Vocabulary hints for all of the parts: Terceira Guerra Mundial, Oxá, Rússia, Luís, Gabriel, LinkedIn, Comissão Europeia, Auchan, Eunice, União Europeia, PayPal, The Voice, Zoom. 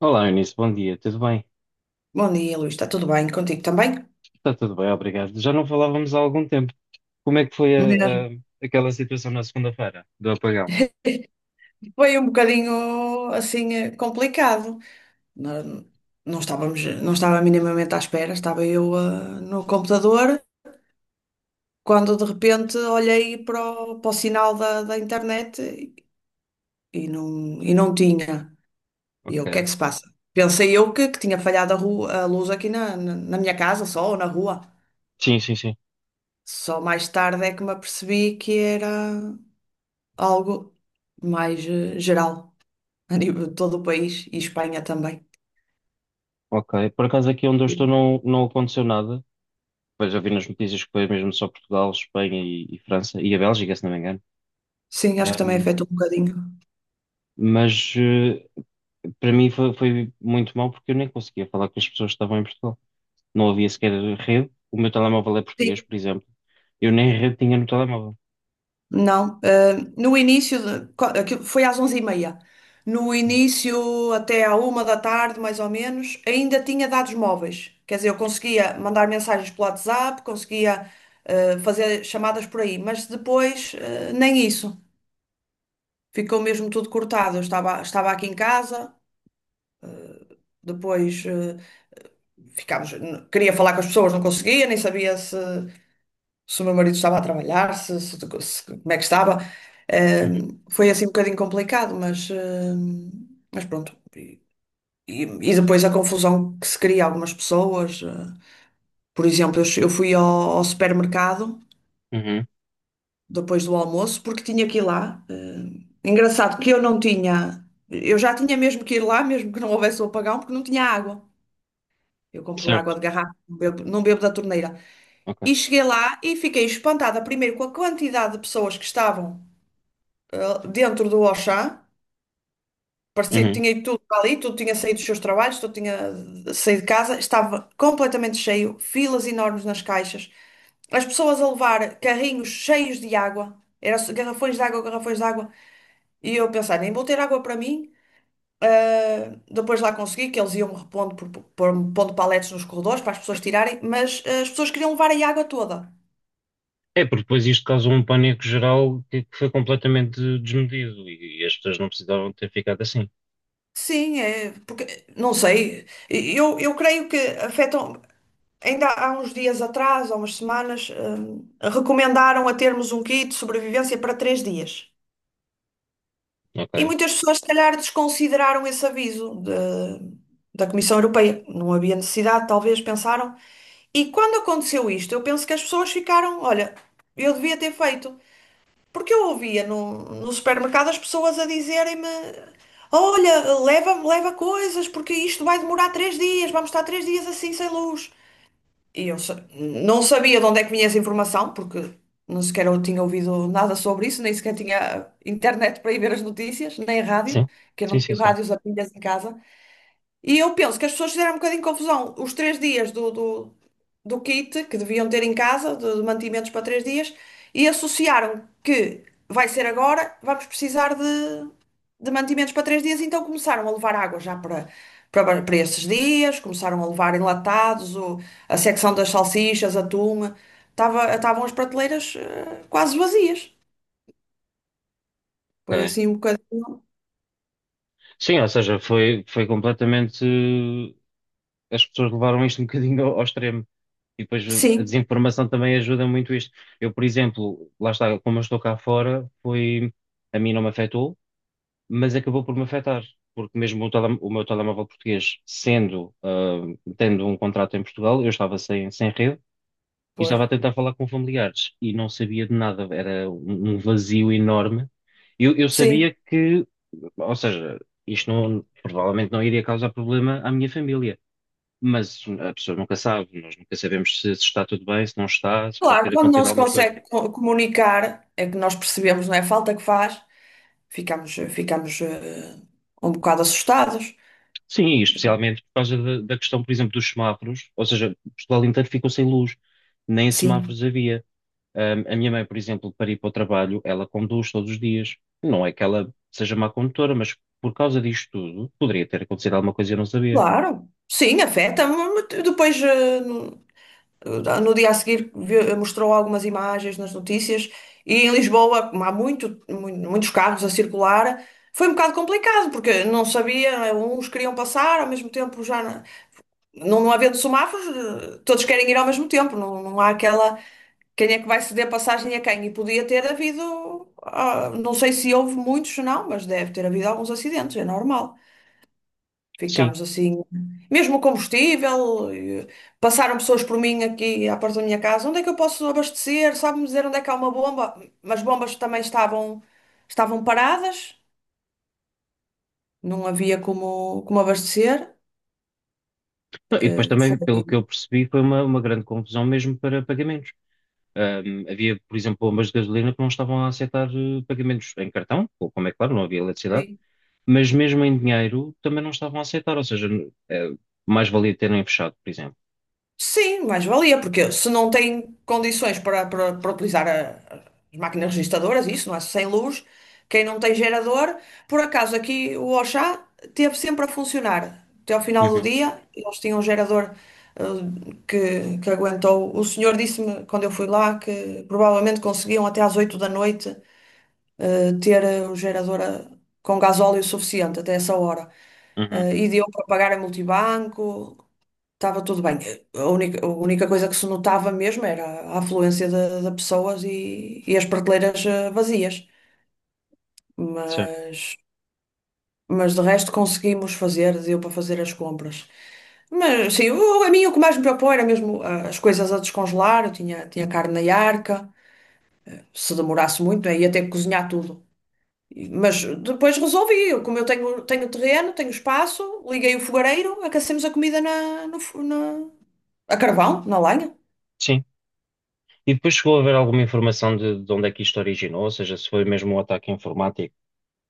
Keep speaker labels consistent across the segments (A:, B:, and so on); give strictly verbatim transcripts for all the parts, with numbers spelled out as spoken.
A: Olá, Eunice, bom dia, tudo bem?
B: Bom dia, Luís. Está tudo bem contigo também?
A: Está tudo bem, obrigado. Já não falávamos há algum tempo. Como é que foi
B: Mesmo.
A: a- a- aquela situação na segunda-feira do apagão?
B: Foi um bocadinho assim eh, complicado. Não, não estávamos, não estava minimamente à espera. Estava eu ah, no computador quando de repente olhei para o, para o sinal da, da internet e não, e não tinha. E eu, o que é
A: Ok.
B: que se passa? Pensei eu que, que tinha falhado a, ru- a luz aqui na, na, na minha casa só ou na rua.
A: Sim, sim, sim.
B: Só mais tarde é que me apercebi que era algo mais eh, geral a nível de todo o país e Espanha também.
A: Ok. Por acaso aqui onde eu estou não, não aconteceu nada. Pois já vi nas notícias que foi mesmo só Portugal, Espanha e, e França e a Bélgica, se não me engano.
B: Sim, acho que também
A: Ahm,
B: afeta um bocadinho.
A: mas eh, Para mim foi, foi muito mal porque eu nem conseguia falar com as pessoas que estavam em Portugal. Não havia sequer rede. O meu telemóvel é português,
B: Sim,
A: por exemplo. Eu nem rede tinha no telemóvel.
B: não. Eh, no início, de- co- aquilo foi às onze e meia. No início, até à uma da tarde, mais ou menos, ainda tinha dados móveis. Quer dizer, eu conseguia mandar mensagens pelo WhatsApp, conseguia eh, fazer chamadas por aí, mas depois eh, nem isso. Ficou mesmo tudo cortado. Eu estava, estava aqui em casa, depois eh, ficámos, n- queria falar com as pessoas, não conseguia, nem sabia se, se o meu marido estava a trabalhar, se, se- se- como é que estava.
A: Uhum,
B: Ehm, foi assim um bocadinho complicado, mas, ehm, mas pronto. E, e- e depois a confusão que se cria a algumas pessoas. Eh, por exemplo, eu, che- eu fui ao, ao supermercado
A: uhum.
B: depois do almoço porque tinha que ir lá. Ehm, engraçado que eu não tinha. Eu já tinha mesmo que ir lá, mesmo que não houvesse o apagão, porque não tinha água. Eu compro água
A: Certo.
B: de garrafa, não bebo, não bebo da torneira.
A: Ok.
B: E cheguei lá e fiquei espantada, primeiro com a quantidade de pessoas que estavam eh, dentro do Auchan, parecia que
A: Uhum.
B: tinha ido tudo para ali, tudo tinha saído dos seus trabalhos, tudo tinha eh, saído de casa, estava completamente cheio, filas enormes nas caixas, as pessoas a levar carrinhos cheios de água, eram garrafões de água, garrafões de água, e eu a pensar, nem vou ter água para mim. Uh, depois lá consegui que eles iam repondo, por, por, pondo paletes nos corredores para as pessoas tirarem, mas uh, as pessoas queriam levar a água toda.
A: É, porque depois isto causou um pânico geral que, que foi completamente desmedido e, e as pessoas não precisavam ter ficado assim.
B: Sim, é, porque, não sei, eu, eu creio que afetam. Ainda há uns dias atrás, há umas semanas, hum, recomendaram a termos um kit de sobrevivência para três dias. E
A: Ok.
B: muitas pessoas, se calhar, desconsideraram esse aviso de- da Comissão Europeia. Não havia necessidade, talvez, pensaram. E quando aconteceu isto, eu penso que as pessoas ficaram, olha, eu devia ter feito. Porque eu ouvia no, no supermercado as pessoas a dizerem-me, olha, leva leva coisas, porque isto vai demorar três dias, vamos estar três dias assim sem luz. E eu sa- não sabia de onde é que vinha essa informação, porque não sequer eu tinha ouvido nada sobre isso, nem sequer tinha internet para ir ver as notícias, nem rádio,
A: Sim.
B: que eu
A: Sim,
B: não
A: sim,
B: tinha
A: sim.
B: rádios a pilhas em casa. E eu penso que as pessoas fizeram um bocadinho de confusão. Os três dias do, do, do kit que deviam ter em casa, de, de mantimentos para três dias, e associaram que vai ser agora, vamos precisar de, de mantimentos para três dias, então começaram a levar água já para, para, para esses dias, começaram a levar enlatados, o, a secção das salsichas, atum, tava, estavam as prateleiras eh, quase vazias. Foi
A: Ok.
B: assim um bocadinho.
A: Sim, ou seja, foi, foi completamente. eh, As pessoas levaram isto um bocadinho ao, ao extremo. E depois a
B: Sim,
A: desinformação também ajuda muito isto. Eu, por exemplo, lá está, como eu estou cá fora, foi. A mim não me afetou, mas acabou por me afetar, porque mesmo o, tele- o meu telemóvel português, sendo, ah, tendo um contrato em Portugal, eu estava sem, sem rede e estava
B: pois.
A: a tentar falar com familiares e não sabia de nada, era um um vazio enorme. Eu, eu
B: Sim.
A: sabia que, ou seja, isto não- provavelmente não iria causar problema à minha família, mas a pessoa nunca sabe, nós nunca sabemos se, se está tudo bem, se não está, se pode
B: Claro,
A: ter
B: quando não
A: acontecido
B: se
A: alguma coisa.
B: consegue co- comunicar, é que nós percebemos, não é? A falta que faz, ficamos, ficamos eh, um bocado assustados.
A: Sim, especialmente por causa da, da questão, por exemplo, dos semáforos, ou seja, Portugal inteiro ficou sem luz, nem
B: Sim,
A: semáforos havia. Ahm, a minha mãe, por exemplo, para ir para o trabalho, ela conduz todos os dias. Não é que ela seja má condutora, mas por causa disto tudo, poderia ter acontecido alguma coisa e eu não sabia.
B: claro, sim, afeta-me. Mas depois, eh, no, no dia a seguir, vi- mostrou algumas imagens nas notícias e em Lisboa, como há muito, mu- muitos carros a circular, foi um bocado complicado, porque não sabia, uns queriam passar, ao mesmo tempo já. Não, não havendo semáforos, eh, todos querem ir ao mesmo tempo. Não, não há aquela. Quem é que vai ceder passagem a quem? E podia ter havido. Ah, não sei se houve muitos, não, mas deve ter havido alguns acidentes, é normal.
A: Sim.
B: Ficámos assim. Mesmo o combustível, eh, passaram pessoas por mim aqui à porta da minha casa. Onde é que eu posso abastecer? Sabe-me dizer onde é que há uma bomba? Mas bombas também estavam, estavam paradas, não havia como, como abastecer.
A: Não, e depois também, pelo que
B: Foi.
A: eu percebi, foi uma, uma grande confusão mesmo para pagamentos. Ahm, havia, por exemplo, bombas de gasolina que não estavam a aceitar eh, pagamentos em cartão, ou como é claro, não havia eletricidade.
B: Sim.
A: Mas mesmo em dinheiro também não estavam a aceitar, ou seja, eh, mais valia terem fechado, por exemplo.
B: Sim, mais valia, porque se não tem condições para, para, para utilizar a- as máquinas registadoras, isso, não é? Sem luz, quem não tem gerador, por acaso aqui o Oxá teve sempre a funcionar. Até ao final do
A: Uhum,
B: dia, eles tinham um gerador eh, que, que aguentou. O senhor disse-me, quando eu fui lá, que provavelmente conseguiam até às oito da noite eh, ter eh, o gerador eh, com gasóleo suficiente até essa hora.
A: uhum,
B: Eh, e deu para pagar a multibanco. Estava tudo bem. A única, a única coisa que se notava mesmo era a afluência de, de pessoas e, e as prateleiras eh, vazias.
A: certo.
B: Mas, mas de resto conseguimos fazer, deu para fazer as compras. Mas sim, o- a mim o que mais me preocupou era mesmo ah, as coisas a descongelar. Eu tinha, tinha carne na arca. Se demorasse muito, aí ia ter que cozinhar tudo. E- Mas depois resolvi. Eu, como eu tenho, tenho terreno, tenho espaço, liguei o fogareiro, aquecemos a comida na, no, fo- na, a carvão, na lenha.
A: Sim. E depois chegou a haver alguma informação de, de onde é que isto originou, ou seja, se foi mesmo um ataque informático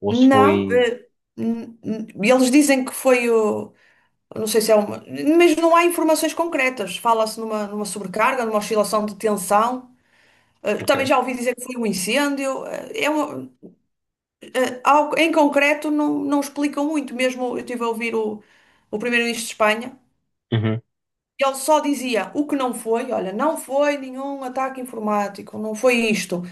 A: ou se foi.
B: Não, eh, n- n- eles dizem que foi o. Não sei se é uma. Mas não há informações concretas. Fala-se numa, numa sobrecarga, numa oscilação de tensão. Eh, Também
A: Ok.
B: já ouvi dizer que foi um incêndio. Eh, É uma- eh, ao- em concreto, não, não explicam muito. Mesmo eu estive a ouvir o, o primeiro-ministro de Espanha.
A: Uhum.
B: E ele só dizia o que não foi, olha, não foi nenhum ataque informático, não foi isto.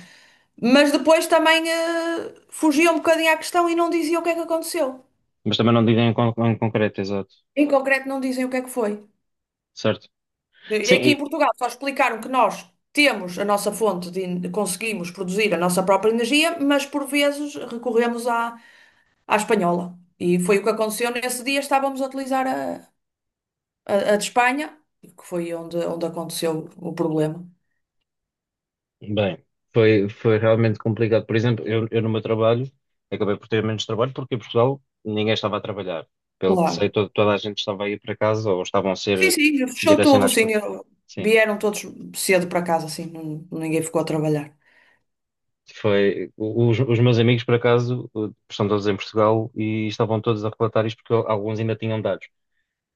B: Mas depois também eh, fugia um bocadinho à questão e não dizia o que é que aconteceu.
A: Mas também não digo em, con- em concreto, exato.
B: Em concreto não dizem o que é que foi.
A: Certo.
B: E
A: Sim,
B: aqui em
A: e-
B: Portugal só explicaram que nós temos a nossa fonte de en- conseguimos produzir a nossa própria energia, mas por vezes recorremos à, à espanhola. E foi o que aconteceu nesse dia, estávamos a utilizar a, a, a de Espanha, que foi onde, onde aconteceu o problema.
A: Bem, foi, foi realmente complicado. Por exemplo, eu, eu no meu trabalho acabei por ter menos trabalho porque em Portugal ninguém estava a trabalhar. Pelo que sei,
B: Claro.
A: to- toda a gente estava a ir para casa ou estavam a
B: Sim,
A: ser
B: sim, fechou tudo,
A: direcionados para.
B: sim. eu-
A: Sim,
B: Vieram todos cedo para casa, assim, não- ninguém ficou a trabalhar.
A: foi. o- Os, os meus amigos, por acaso, eh, estão todos em Portugal e estavam todos a relatar isto porque alguns ainda tinham dados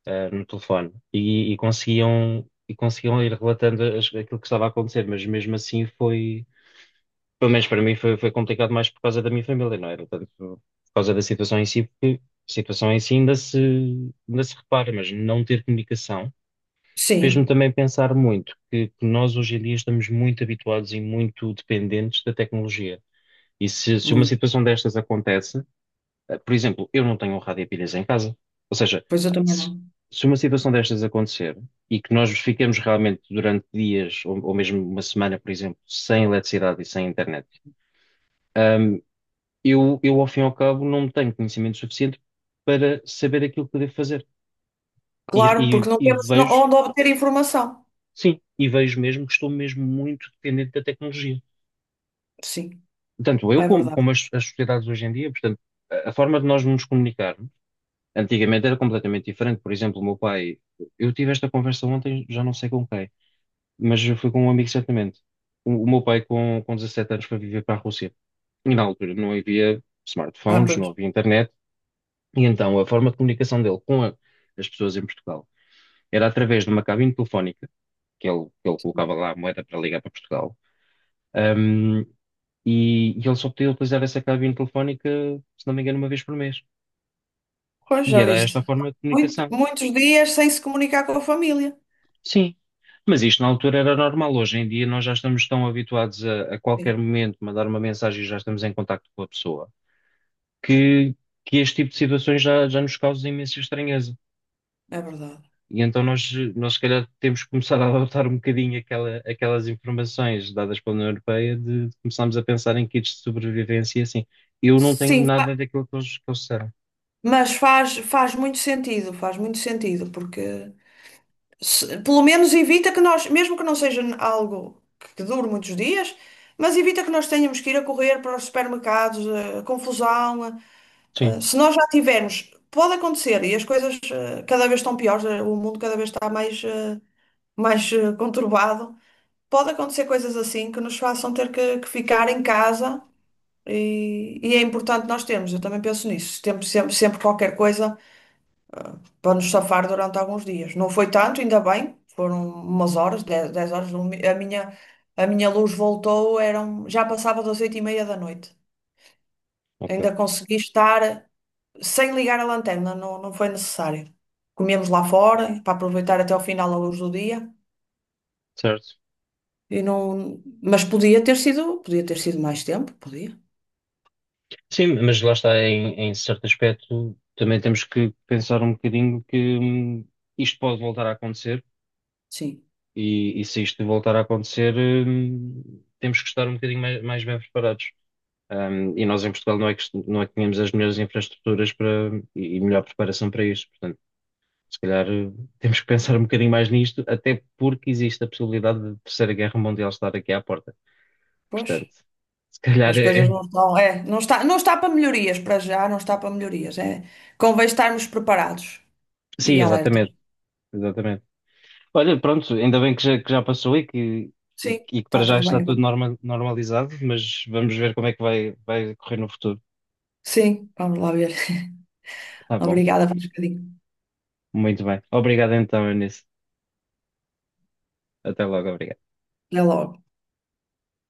A: eh, no telefone e, e conseguiam, e conseguiam ir relatando as- aquilo que estava a acontecer, mas mesmo assim foi, pelo menos para mim, foi, foi complicado mais por causa da minha família, não era tanto por causa da situação em si. A situação em si ainda se, ainda se repara, mas não ter comunicação fez-me
B: Sim,
A: também pensar muito que que nós hoje em dia estamos muito habituados e muito dependentes da tecnologia. E se, se uma
B: muito.
A: situação destas acontece, eh, por exemplo, eu não tenho um rádio a pilhas em casa. Ou seja,
B: Pois eu também
A: se,
B: não.
A: se uma situação destas acontecer e que nós fiquemos realmente durante dias ou, ou mesmo uma semana, por exemplo, sem eletricidade e sem internet, ahm, eu, eu, ao fim e ao cabo, não tenho conhecimento suficiente para saber aquilo que devo fazer. E,
B: Claro, porque
A: e-
B: não
A: e
B: temos no-
A: vejo,
B: onde obter informação.
A: sim, e vejo mesmo que estou mesmo muito dependente da tecnologia.
B: Sim.
A: Tanto eu
B: É
A: como,
B: verdade.
A: como as, as sociedades hoje em dia, portanto, a a forma de nós nos comunicarmos antigamente era completamente diferente. Por exemplo, o meu pai, eu tive esta conversa ontem, já não sei com quem, mas foi com um amigo certamente. O, o meu pai, com, com dezassete anos, foi viver para a Rússia. E na altura não havia
B: Ah,
A: smartphones, não
B: pois.
A: havia internet. E então a forma de comunicação dele com a- as pessoas em Portugal era através de uma cabine telefónica, que ele, que ele colocava lá a moeda para ligar para Portugal. Ahm, e, e ele só podia utilizar essa cabine telefónica, se não me engano, uma vez por mês.
B: Pois,
A: E
B: já
A: era
B: viste.
A: esta a forma de
B: Muito-
A: comunicação.
B: muitos dias sem se comunicar com a família.
A: Sim, mas isto na altura era normal. Hoje em dia nós já estamos tão habituados a, a
B: Sim,
A: qualquer momento mandar uma mensagem e já estamos em contacto com a pessoa que, que este tipo de situações já, já nos causa imensa estranheza.
B: é verdade.
A: E então nós, nós se calhar temos que começar a adotar um bocadinho aquela, aquelas informações dadas pela União Europeia de, de começarmos a pensar em kits de sobrevivência e assim. Eu não tenho
B: Sim, fa-
A: nada daquilo que eles, que eles disseram.
B: mas faz, faz muito sentido, faz muito sentido, porque se- pelo menos evita que nós, mesmo que não seja n- algo que dure muitos dias, mas evita que nós tenhamos que ir a correr para os supermercados, a confusão. A-
A: Sim,
B: a- se nós já tivermos, pode acontecer, e as coisas eh, cada vez estão piores, eh, o mundo cada vez está mais, eh, mais eh, conturbado. Pode acontecer coisas assim que nos façam ter que, que ficar em casa e, e é importante nós termos, eu também penso nisso, temos sempre, sempre qualquer coisa para nos safar durante alguns dias. Não foi tanto, ainda bem, foram umas horas, dez 10 horas, o mi- a minha, a minha luz voltou, eram, já passava das oito e meia da noite.
A: ok,
B: Ainda consegui estar sem ligar a lanterna, não, não foi necessário. Comemos lá fora para aproveitar até o final a luz do dia.
A: certo.
B: E não, mas podia ter sido, podia ter sido mais tempo, podia,
A: Sim, mas lá está, em, em certo aspecto, também temos que pensar um bocadinho que hum, isto pode voltar a acontecer
B: sim.
A: e, e se isto voltar a acontecer, hum, temos que estar um bocadinho mais, mais bem preparados. Hum, e nós em Portugal não é que, não é que tínhamos as melhores infraestruturas para, e e melhor preparação para isto. Portanto, se calhar hum, temos que pensar um bocadinho mais nisto, até porque existe a possibilidade de Terceira Guerra Mundial estar aqui à porta.
B: Pois,
A: Portanto, se calhar
B: as
A: é...
B: coisas
A: é-
B: não estão, é, não está, não está para melhorias para já, não está para melhorias, é. Convém estarmos preparados
A: Sim,
B: e alertas.
A: exatamente, exatamente. Olha, pronto, ainda bem que já, que já passou e que, e,
B: Sim,
A: e que para
B: está
A: já
B: tudo bem
A: está tudo
B: agora.
A: norma- normalizado, mas vamos ver como é que vai, vai correr no futuro.
B: Sim, vamos lá ver.
A: Tá bom,
B: Obrigada por um bocadinho.
A: muito bem. Obrigado então, Eunice. Até logo, obrigado.
B: Até logo.